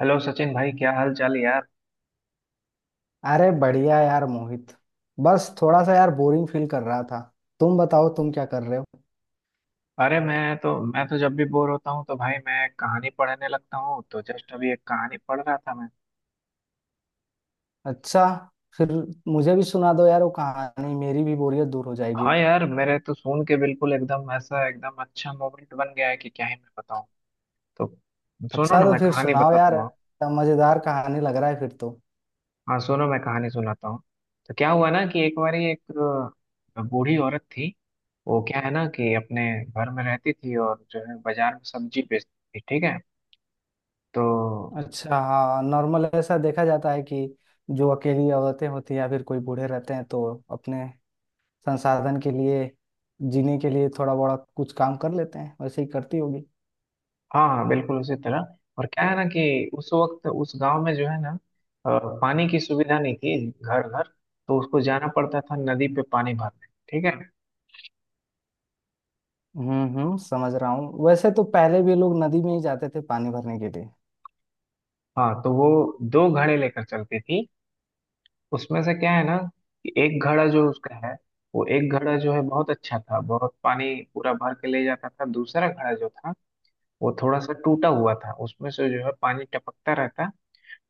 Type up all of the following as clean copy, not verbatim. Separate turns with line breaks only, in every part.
Hello Sachin भाई, क्या हाल चाल यार?
अरे बढ़िया यार मोहित। बस थोड़ा सा यार बोरिंग फील कर रहा था। तुम बताओ तुम क्या कर रहे हो।
अरे मैं तो जब भी बोर होता हूँ तो भाई मैं कहानी पढ़ने लगता हूँ, तो जस्ट अभी एक कहानी पढ़ रहा था मैं।
अच्छा। फिर मुझे भी सुना दो यार, वो कहानी मेरी भी बोरियत दूर हो जाएगी।
हाँ यार, मेरे तो सुन के बिल्कुल एकदम ऐसा एकदम अच्छा मोमेंट बन गया है कि क्या ही मैं बताऊँ। तो सुनो
अच्छा
ना
तो
मैं
फिर
कहानी
सुनाओ
बताता
यार,
हूँ
क्या मजेदार कहानी लग रहा है फिर तो।
हाँ सुनो, मैं कहानी सुनाता हूँ। तो क्या हुआ ना कि एक बारी एक बूढ़ी औरत थी। वो क्या है ना कि अपने घर में रहती थी और जो है बाजार में सब्जी बेचती थी, ठीक है। तो
अच्छा हाँ, नॉर्मल ऐसा देखा जाता है कि जो अकेली औरतें होती हैं या फिर कोई बूढ़े रहते हैं तो अपने संसाधन के लिए, जीने के लिए थोड़ा बड़ा कुछ काम कर लेते हैं, वैसे ही करती होगी।
हाँ हाँ, बिल्कुल उसी तरह। और क्या है ना कि उस वक्त उस गांव में जो है ना पानी की सुविधा नहीं थी घर घर। तो उसको जाना पड़ता था नदी पे पानी भरने, ठीक है।
हम्म, समझ रहा हूँ। वैसे तो पहले भी लोग नदी में ही जाते थे पानी भरने के लिए।
हाँ, तो वो दो घड़े लेकर चलती थी। उसमें से क्या है ना कि एक घड़ा जो उसका है, वो एक घड़ा जो है बहुत अच्छा था, बहुत पानी पूरा भर के ले जाता था। दूसरा घड़ा जो था, वो थोड़ा सा टूटा हुआ था, उसमें से जो है पानी टपकता रहता।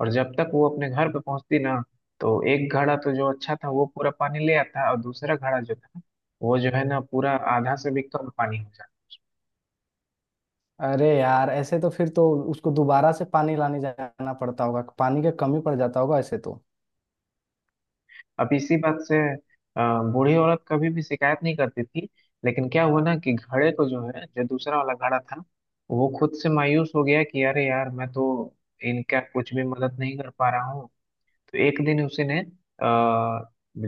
और जब तक वो अपने घर पे पहुंचती ना, तो एक घड़ा तो जो अच्छा था वो पूरा पानी ले आता, और दूसरा घड़ा जो था वो जो है ना पूरा आधा से भी कम पानी हो जाता।
अरे यार, ऐसे तो फिर तो उसको दोबारा से पानी लाने जाना पड़ता होगा, पानी का कमी पड़ जाता होगा ऐसे तो।
अब इसी बात से बूढ़ी औरत कभी भी शिकायत नहीं करती थी। लेकिन क्या हुआ ना कि घड़े को जो है, जो दूसरा वाला घड़ा था, वो खुद से मायूस हो गया कि अरे यार, मैं तो इनका कुछ भी मदद नहीं कर पा रहा हूँ। तो एक दिन उसी ने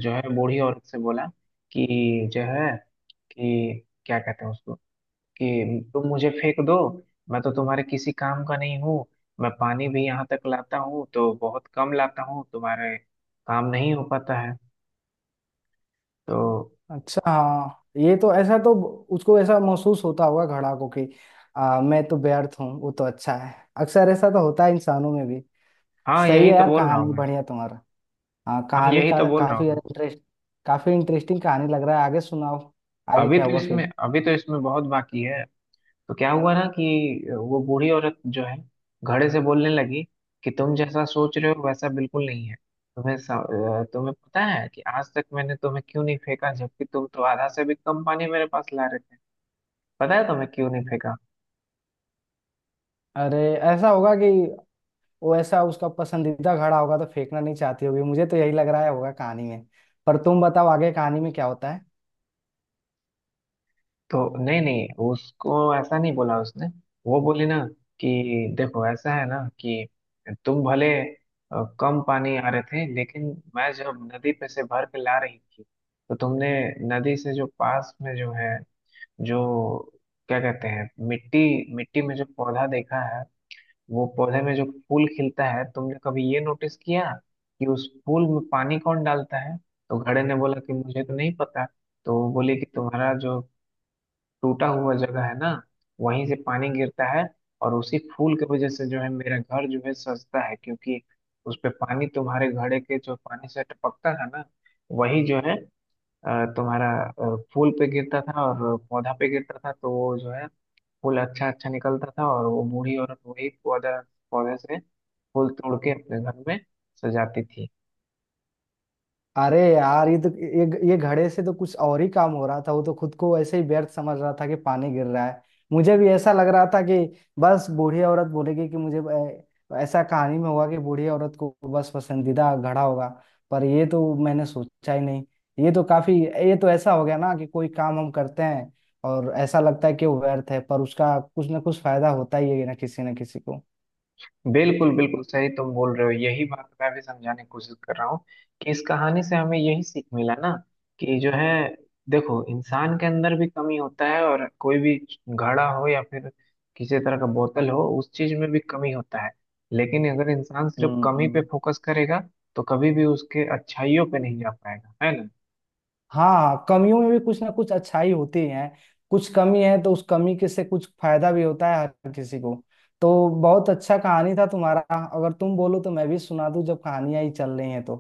जो है बूढ़ी औरत से बोला कि जो है, कि क्या कहते हैं उसको, कि तुम मुझे फेंक दो। मैं तो तुम्हारे किसी काम का नहीं हूँ। मैं पानी भी यहाँ तक लाता हूँ तो बहुत कम लाता हूँ, तुम्हारे काम नहीं हो पाता है। तो
अच्छा हाँ, ये तो ऐसा तो उसको ऐसा महसूस होता होगा घड़ा को कि मैं तो व्यर्थ हूँ, वो तो अच्छा है। अक्सर ऐसा तो होता है इंसानों में भी।
हाँ
सही है
यही तो
यार,
बोल रहा हूँ
कहानी
मैं
बढ़िया तुम्हारा। हाँ
हाँ
कहानी
यही
का
तो बोल रहा हूँ
काफी
मैं।
इंटरेस्ट, काफी इंटरेस्टिंग कहानी लग रहा है, आगे सुनाओ। आगे क्या हुआ फिर।
अभी तो इसमें बहुत बाकी है। तो क्या हुआ ना कि वो बूढ़ी औरत जो है घड़े से बोलने लगी कि तुम जैसा सोच रहे हो वैसा बिल्कुल नहीं है। तुम्हें पता है कि आज तक मैंने तुम्हें क्यों नहीं फेंका, जबकि तुम तो आधा से भी कम पानी मेरे पास ला रहे? पता है तुम्हें क्यों नहीं फेंका?
अरे, ऐसा होगा कि वैसा उसका पसंदीदा घड़ा होगा तो फेंकना नहीं चाहती होगी, मुझे तो यही लग रहा है होगा कहानी में। पर तुम बताओ आगे कहानी में क्या होता है।
तो नहीं नहीं, उसको ऐसा नहीं बोला उसने। वो बोली ना कि देखो, ऐसा है ना कि तुम भले कम पानी आ रहे थे लेकिन मैं जब नदी पे से भर के ला रही थी तो तुमने नदी से, जो पास में जो है, जो क्या कहते हैं मिट्टी, मिट्टी में जो पौधा देखा है, वो पौधे में जो फूल खिलता है, तुमने कभी ये नोटिस किया कि उस फूल में पानी कौन डालता है? तो घड़े ने बोला कि मुझे तो नहीं पता। तो वो बोली कि तुम्हारा जो टूटा हुआ जगह है ना, वहीं से पानी गिरता है। और उसी फूल की वजह से जो है मेरा घर जो है सजता है, क्योंकि उस पे पानी, तुम्हारे घड़े के जो पानी से टपकता था ना, वही जो है तुम्हारा फूल पे गिरता था और पौधा पे गिरता था, तो वो जो है फूल अच्छा अच्छा निकलता था। और वो बूढ़ी औरत वही पौधा पौधे से फूल तोड़ के अपने घर में सजाती थी।
अरे यार, ये तो ये घड़े से तो कुछ और ही काम हो रहा था, वो तो खुद को ऐसे ही व्यर्थ समझ रहा था कि पानी गिर रहा है। मुझे भी ऐसा लग रहा था कि बस बूढ़ी औरत बोलेगी कि मुझे ऐसा कहानी में होगा कि बूढ़ी औरत को बस पसंदीदा घड़ा होगा। पर ये तो मैंने सोचा ही नहीं। ये तो काफी, ये तो ऐसा हो गया ना कि कोई काम हम करते हैं और ऐसा लगता है कि वो व्यर्थ है, पर उसका कुछ ना कुछ फायदा होता ही है ना किसी को।
बिल्कुल बिल्कुल सही तुम बोल रहे हो, यही बात मैं भी समझाने की कोशिश कर रहा हूँ कि इस कहानी से हमें यही सीख मिला ना, कि जो है, देखो इंसान के अंदर भी कमी होता है, और कोई भी घड़ा हो या फिर किसी तरह का बोतल हो, उस चीज में भी कमी होता है। लेकिन अगर इंसान सिर्फ कमी पे
हम्म।
फोकस करेगा तो कभी भी उसके अच्छाइयों पे नहीं जा पाएगा, है ना।
हाँ हाँ, कमियों में भी कुछ ना कुछ अच्छाई होती है। कुछ कमी है तो उस कमी के से कुछ फायदा भी होता है हर किसी को। तो बहुत अच्छा कहानी था तुम्हारा। अगर तुम बोलो तो मैं भी सुना दूं, जब कहानियां ही चल रही हैं तो।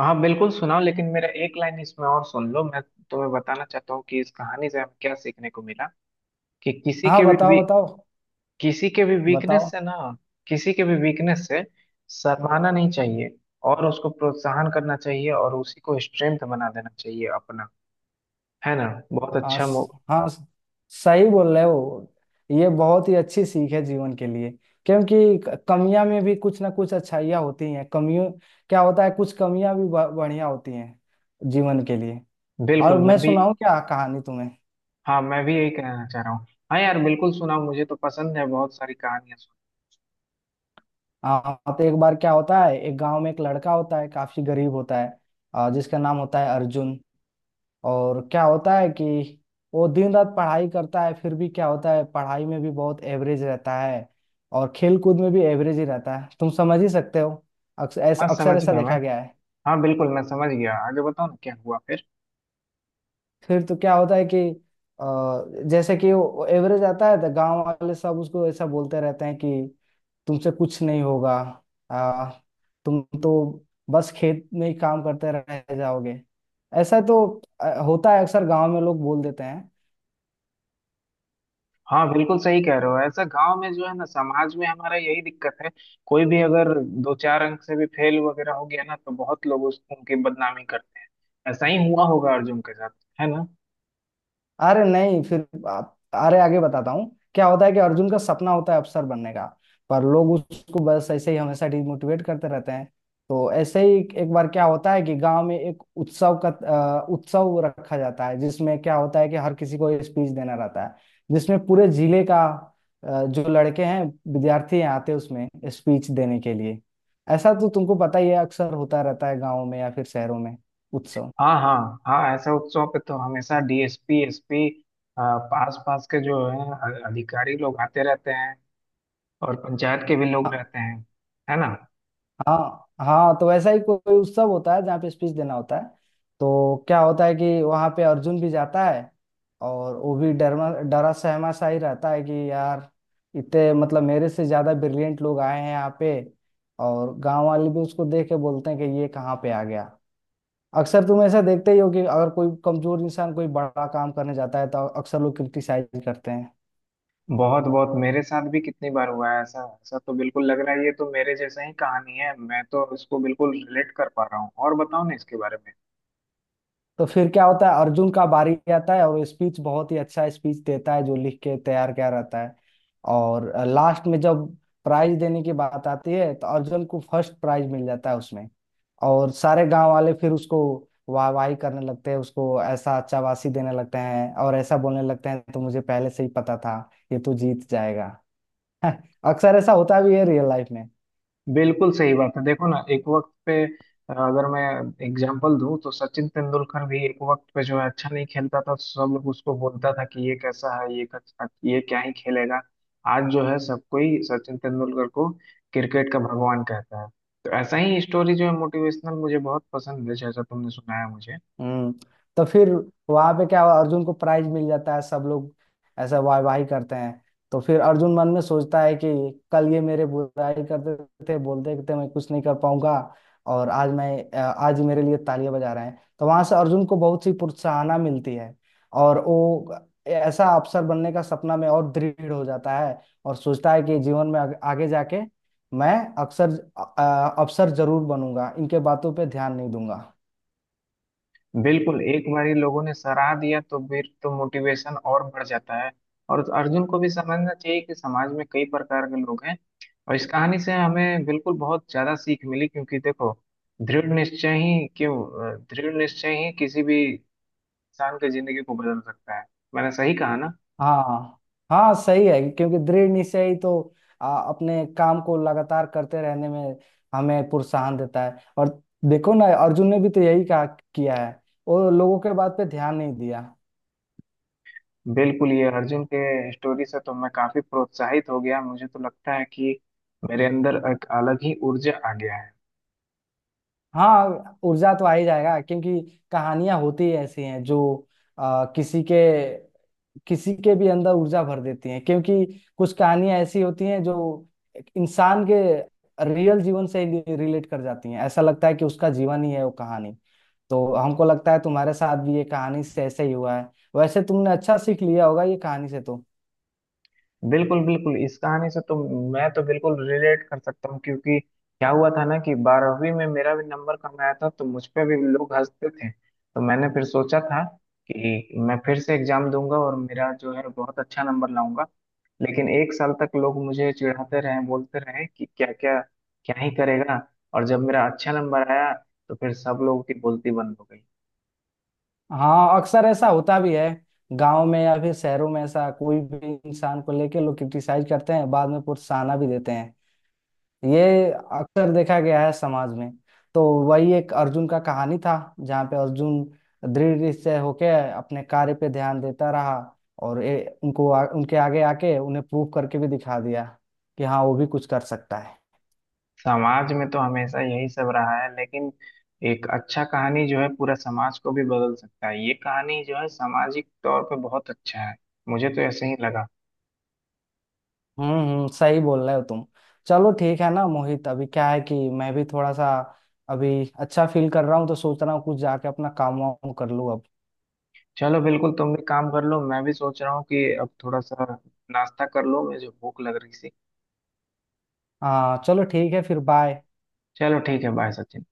हाँ बिल्कुल सुनाओ, लेकिन मेरा एक लाइन इसमें और सुन लो। मैं तुम्हें बताना चाहता हूँ कि इस कहानी से हमें क्या सीखने को मिला, कि
हाँ बताओ बताओ।
किसी के भी वीकनेस
बताओ।
से ना, किसी के भी वीकनेस से शर्माना नहीं चाहिए, और उसको प्रोत्साहन करना चाहिए और उसी को स्ट्रेंथ बना देना चाहिए अपना, है ना। बहुत
हाँ
अच्छा मो।
स- हाँ स- सही बोल रहे हो। ये बहुत ही अच्छी सीख है जीवन के लिए, क्योंकि कमियां में भी कुछ ना कुछ अच्छाइयाँ होती हैं। कमियों, क्या होता है कुछ कमियां भी बढ़िया होती हैं जीवन के लिए। और
बिल्कुल,
मैं
मैं भी।
सुनाऊं क्या कहानी तुम्हें।
हाँ मैं भी यही कहना चाह रहा हूँ। हाँ यार बिल्कुल सुनाओ, मुझे तो पसंद है बहुत सारी कहानियां सुन।
हाँ तो एक बार क्या होता है, एक गांव में एक लड़का होता है, काफी गरीब होता है, जिसका नाम होता है अर्जुन। और क्या होता है कि वो दिन रात पढ़ाई करता है, फिर भी क्या होता है पढ़ाई में भी बहुत एवरेज रहता है, और खेल कूद में भी एवरेज ही रहता है। तुम समझ ही सकते हो,
हाँ
अक्सर
समझ
ऐसा
गया मैं।
देखा गया है।
हाँ बिल्कुल मैं समझ गया, आगे बताओ ना क्या हुआ फिर।
फिर तो क्या होता है कि अ, जैसे कि वो एवरेज आता है तो गांव वाले सब उसको ऐसा बोलते रहते हैं कि तुमसे कुछ नहीं होगा, आ, तुम तो बस खेत में ही काम करते रह जाओगे। ऐसा तो होता है, अक्सर गांव में लोग बोल देते हैं।
हाँ बिल्कुल सही कह रहे हो, ऐसा गांव में जो है ना, समाज में हमारा यही दिक्कत है। कोई भी अगर दो चार अंक से भी फेल वगैरह हो गया ना, तो बहुत लोग उस उनकी बदनामी करते हैं। ऐसा ही हुआ होगा अर्जुन के साथ, है ना।
अरे नहीं, फिर आप, अरे आगे बताता हूँ क्या होता है कि अर्जुन का सपना होता है अफसर बनने का, पर लोग उसको बस ऐसे ही हमेशा डिमोटिवेट करते रहते हैं। तो ऐसे ही एक बार क्या होता है कि गांव में एक उत्सव का उत्सव रखा जाता है, जिसमें क्या होता है कि हर किसी को स्पीच देना रहता है। जिसमें पूरे जिले का जो लड़के हैं, विद्यार्थी हैं, आते हैं उसमें स्पीच देने के लिए। ऐसा तो तुमको पता ही है, अक्सर होता रहता है गाँव में या फिर शहरों में उत्सव।
हाँ हाँ। हाँ, ऐसा उत्सव पे तो हमेशा डीएसपी एसपी, पास पास के जो है अधिकारी लोग आते रहते हैं, और पंचायत के भी लोग
हाँ।
रहते हैं, है ना।
हाँ। हाँ तो वैसा ही कोई उत्सव होता है जहाँ पे स्पीच देना होता है। तो क्या होता है कि वहाँ पे अर्जुन भी जाता है, और वो भी डरमा डरा सहमा सा ही रहता है कि यार, इतने मतलब मेरे से ज्यादा ब्रिलियंट लोग आए हैं यहाँ पे। और गांव वाले भी उसको देख के बोलते हैं कि ये कहाँ पे आ गया। अक्सर तुम ऐसा देखते ही हो कि अगर कोई कमजोर इंसान कोई बड़ा काम करने जाता है तो अक्सर लोग क्रिटिसाइज करते हैं।
बहुत बहुत, मेरे साथ भी कितनी बार हुआ है ऐसा। ऐसा तो बिल्कुल लग रहा है, ये तो मेरे जैसा ही कहानी है, मैं तो इसको बिल्कुल रिलेट कर पा रहा हूँ। और बताओ ना इसके बारे में।
तो फिर क्या होता है, अर्जुन का बारी आता है और वो स्पीच बहुत ही अच्छा स्पीच देता है जो लिख के तैयार किया रहता है। और लास्ट में जब प्राइज देने की बात आती है तो अर्जुन को फर्स्ट प्राइज मिल जाता है उसमें। और सारे गांव वाले फिर उसको वाहवाही करने लगते हैं, उसको ऐसा चाबासी देने लगते हैं और ऐसा बोलने लगते हैं तो मुझे पहले से ही पता था ये तो जीत जाएगा। अक्सर ऐसा होता भी है रियल लाइफ में।
बिल्कुल सही बात है। देखो ना, एक वक्त पे अगर मैं एग्जांपल दूं तो सचिन तेंदुलकर भी एक वक्त पे जो है अच्छा नहीं खेलता था, सब लोग उसको बोलता था कि ये कैसा है, ये कैसा, ये क्या ही खेलेगा। आज जो है सब कोई सचिन तेंदुलकर को क्रिकेट का भगवान कहता है। तो ऐसा ही स्टोरी जो है मोटिवेशनल मुझे बहुत पसंद है, जैसा तुमने सुनाया मुझे।
हम्म। तो फिर वहां पे क्या हुआ, अर्जुन को प्राइज मिल जाता है, सब लोग ऐसा वाह वाही करते हैं। तो फिर अर्जुन मन में सोचता है कि कल ये मेरे बुराई करते थे, बोलते थे मैं कुछ नहीं कर पाऊंगा, और आज मैं आज ये मेरे लिए तालियां बजा रहे हैं, तो वहां से अर्जुन को बहुत सी प्रोत्साहना मिलती है। और वो ऐसा अफसर बनने का सपना में और दृढ़ हो जाता है, और सोचता है कि जीवन में आगे आगे जाके मैं अक्सर अफसर जरूर बनूंगा, इनके बातों पे ध्यान नहीं दूंगा।
बिल्कुल, एक बार ही लोगों ने सराह दिया तो फिर तो मोटिवेशन और बढ़ जाता है। और अर्जुन को भी समझना चाहिए कि समाज में कई प्रकार के लोग हैं। और इस कहानी से हमें बिल्कुल बहुत ज्यादा सीख मिली, क्योंकि देखो दृढ़ निश्चय ही क्यों दृढ़ निश्चय ही किसी भी इंसान की जिंदगी को बदल सकता है। मैंने सही कहा ना।
हाँ। हाँ सही है, क्योंकि दृढ़ निश्चय ही तो अपने काम को लगातार करते रहने में हमें प्रोत्साहन देता है। और देखो ना, अर्जुन ने भी तो यही कहा, किया है, वो लोगों के बात पे ध्यान नहीं दिया।
बिल्कुल, ये अर्जुन के स्टोरी से तो मैं काफी प्रोत्साहित हो गया, मुझे तो लगता है कि मेरे अंदर एक अलग ही ऊर्जा आ गया है।
हाँ ऊर्जा तो आ ही जाएगा, क्योंकि कहानियां होती ही ऐसी हैं जो आ, किसी के किसी के भी अंदर ऊर्जा भर देती हैं। क्योंकि कुछ कहानियां ऐसी होती हैं जो एक इंसान के रियल जीवन से रिलेट कर जाती हैं, ऐसा लगता है कि उसका जीवन ही है वो कहानी। तो हमको लगता है तुम्हारे साथ भी ये कहानी से ऐसे ही हुआ है। वैसे तुमने अच्छा सीख लिया होगा ये कहानी से तो।
बिल्कुल बिल्कुल, इस कहानी से तो मैं तो बिल्कुल रिलेट कर सकता हूँ, क्योंकि क्या हुआ था ना कि 12वीं में मेरा भी नंबर कम आया था, तो मुझ पे भी लोग हंसते थे, तो मैंने फिर सोचा था कि मैं फिर से एग्जाम दूंगा और मेरा जो है बहुत अच्छा नंबर लाऊंगा। लेकिन एक साल तक लोग मुझे चिढ़ाते रहे, बोलते रहे कि क्या क्या, क्या ही करेगा। और जब मेरा अच्छा नंबर आया तो फिर सब लोगों की बोलती बंद हो गई।
हाँ अक्सर ऐसा होता भी है, गांव में या फिर शहरों में ऐसा, कोई भी इंसान को लेके लोग क्रिटिसाइज करते हैं, बाद में प्रोत्साहन भी देते हैं। ये अक्सर देखा गया है समाज में। तो वही एक अर्जुन का कहानी था जहाँ पे अर्जुन दृढ़ से होके अपने कार्य पे ध्यान देता रहा, और उनको उनके आगे आके उन्हें प्रूव करके भी दिखा दिया कि हाँ वो भी कुछ कर सकता है।
समाज में तो हमेशा यही सब रहा है, लेकिन एक अच्छा कहानी जो है पूरा समाज को भी बदल सकता है। ये कहानी जो है सामाजिक तौर पे बहुत अच्छा है, मुझे तो ऐसे ही लगा।
हम्म, सही बोल रहे हो तुम। चलो ठीक है ना मोहित, अभी क्या है कि मैं भी थोड़ा सा अभी अच्छा फील कर रहा हूँ, तो सोच रहा हूँ कुछ जाके अपना काम वाम कर लूँ अब।
चलो बिल्कुल, तुम भी काम कर लो, मैं भी सोच रहा हूँ कि अब थोड़ा सा नाश्ता कर लो, मुझे भूख लग रही सी।
हाँ चलो ठीक है, फिर बाय।
चलो ठीक है, बाय सचिन।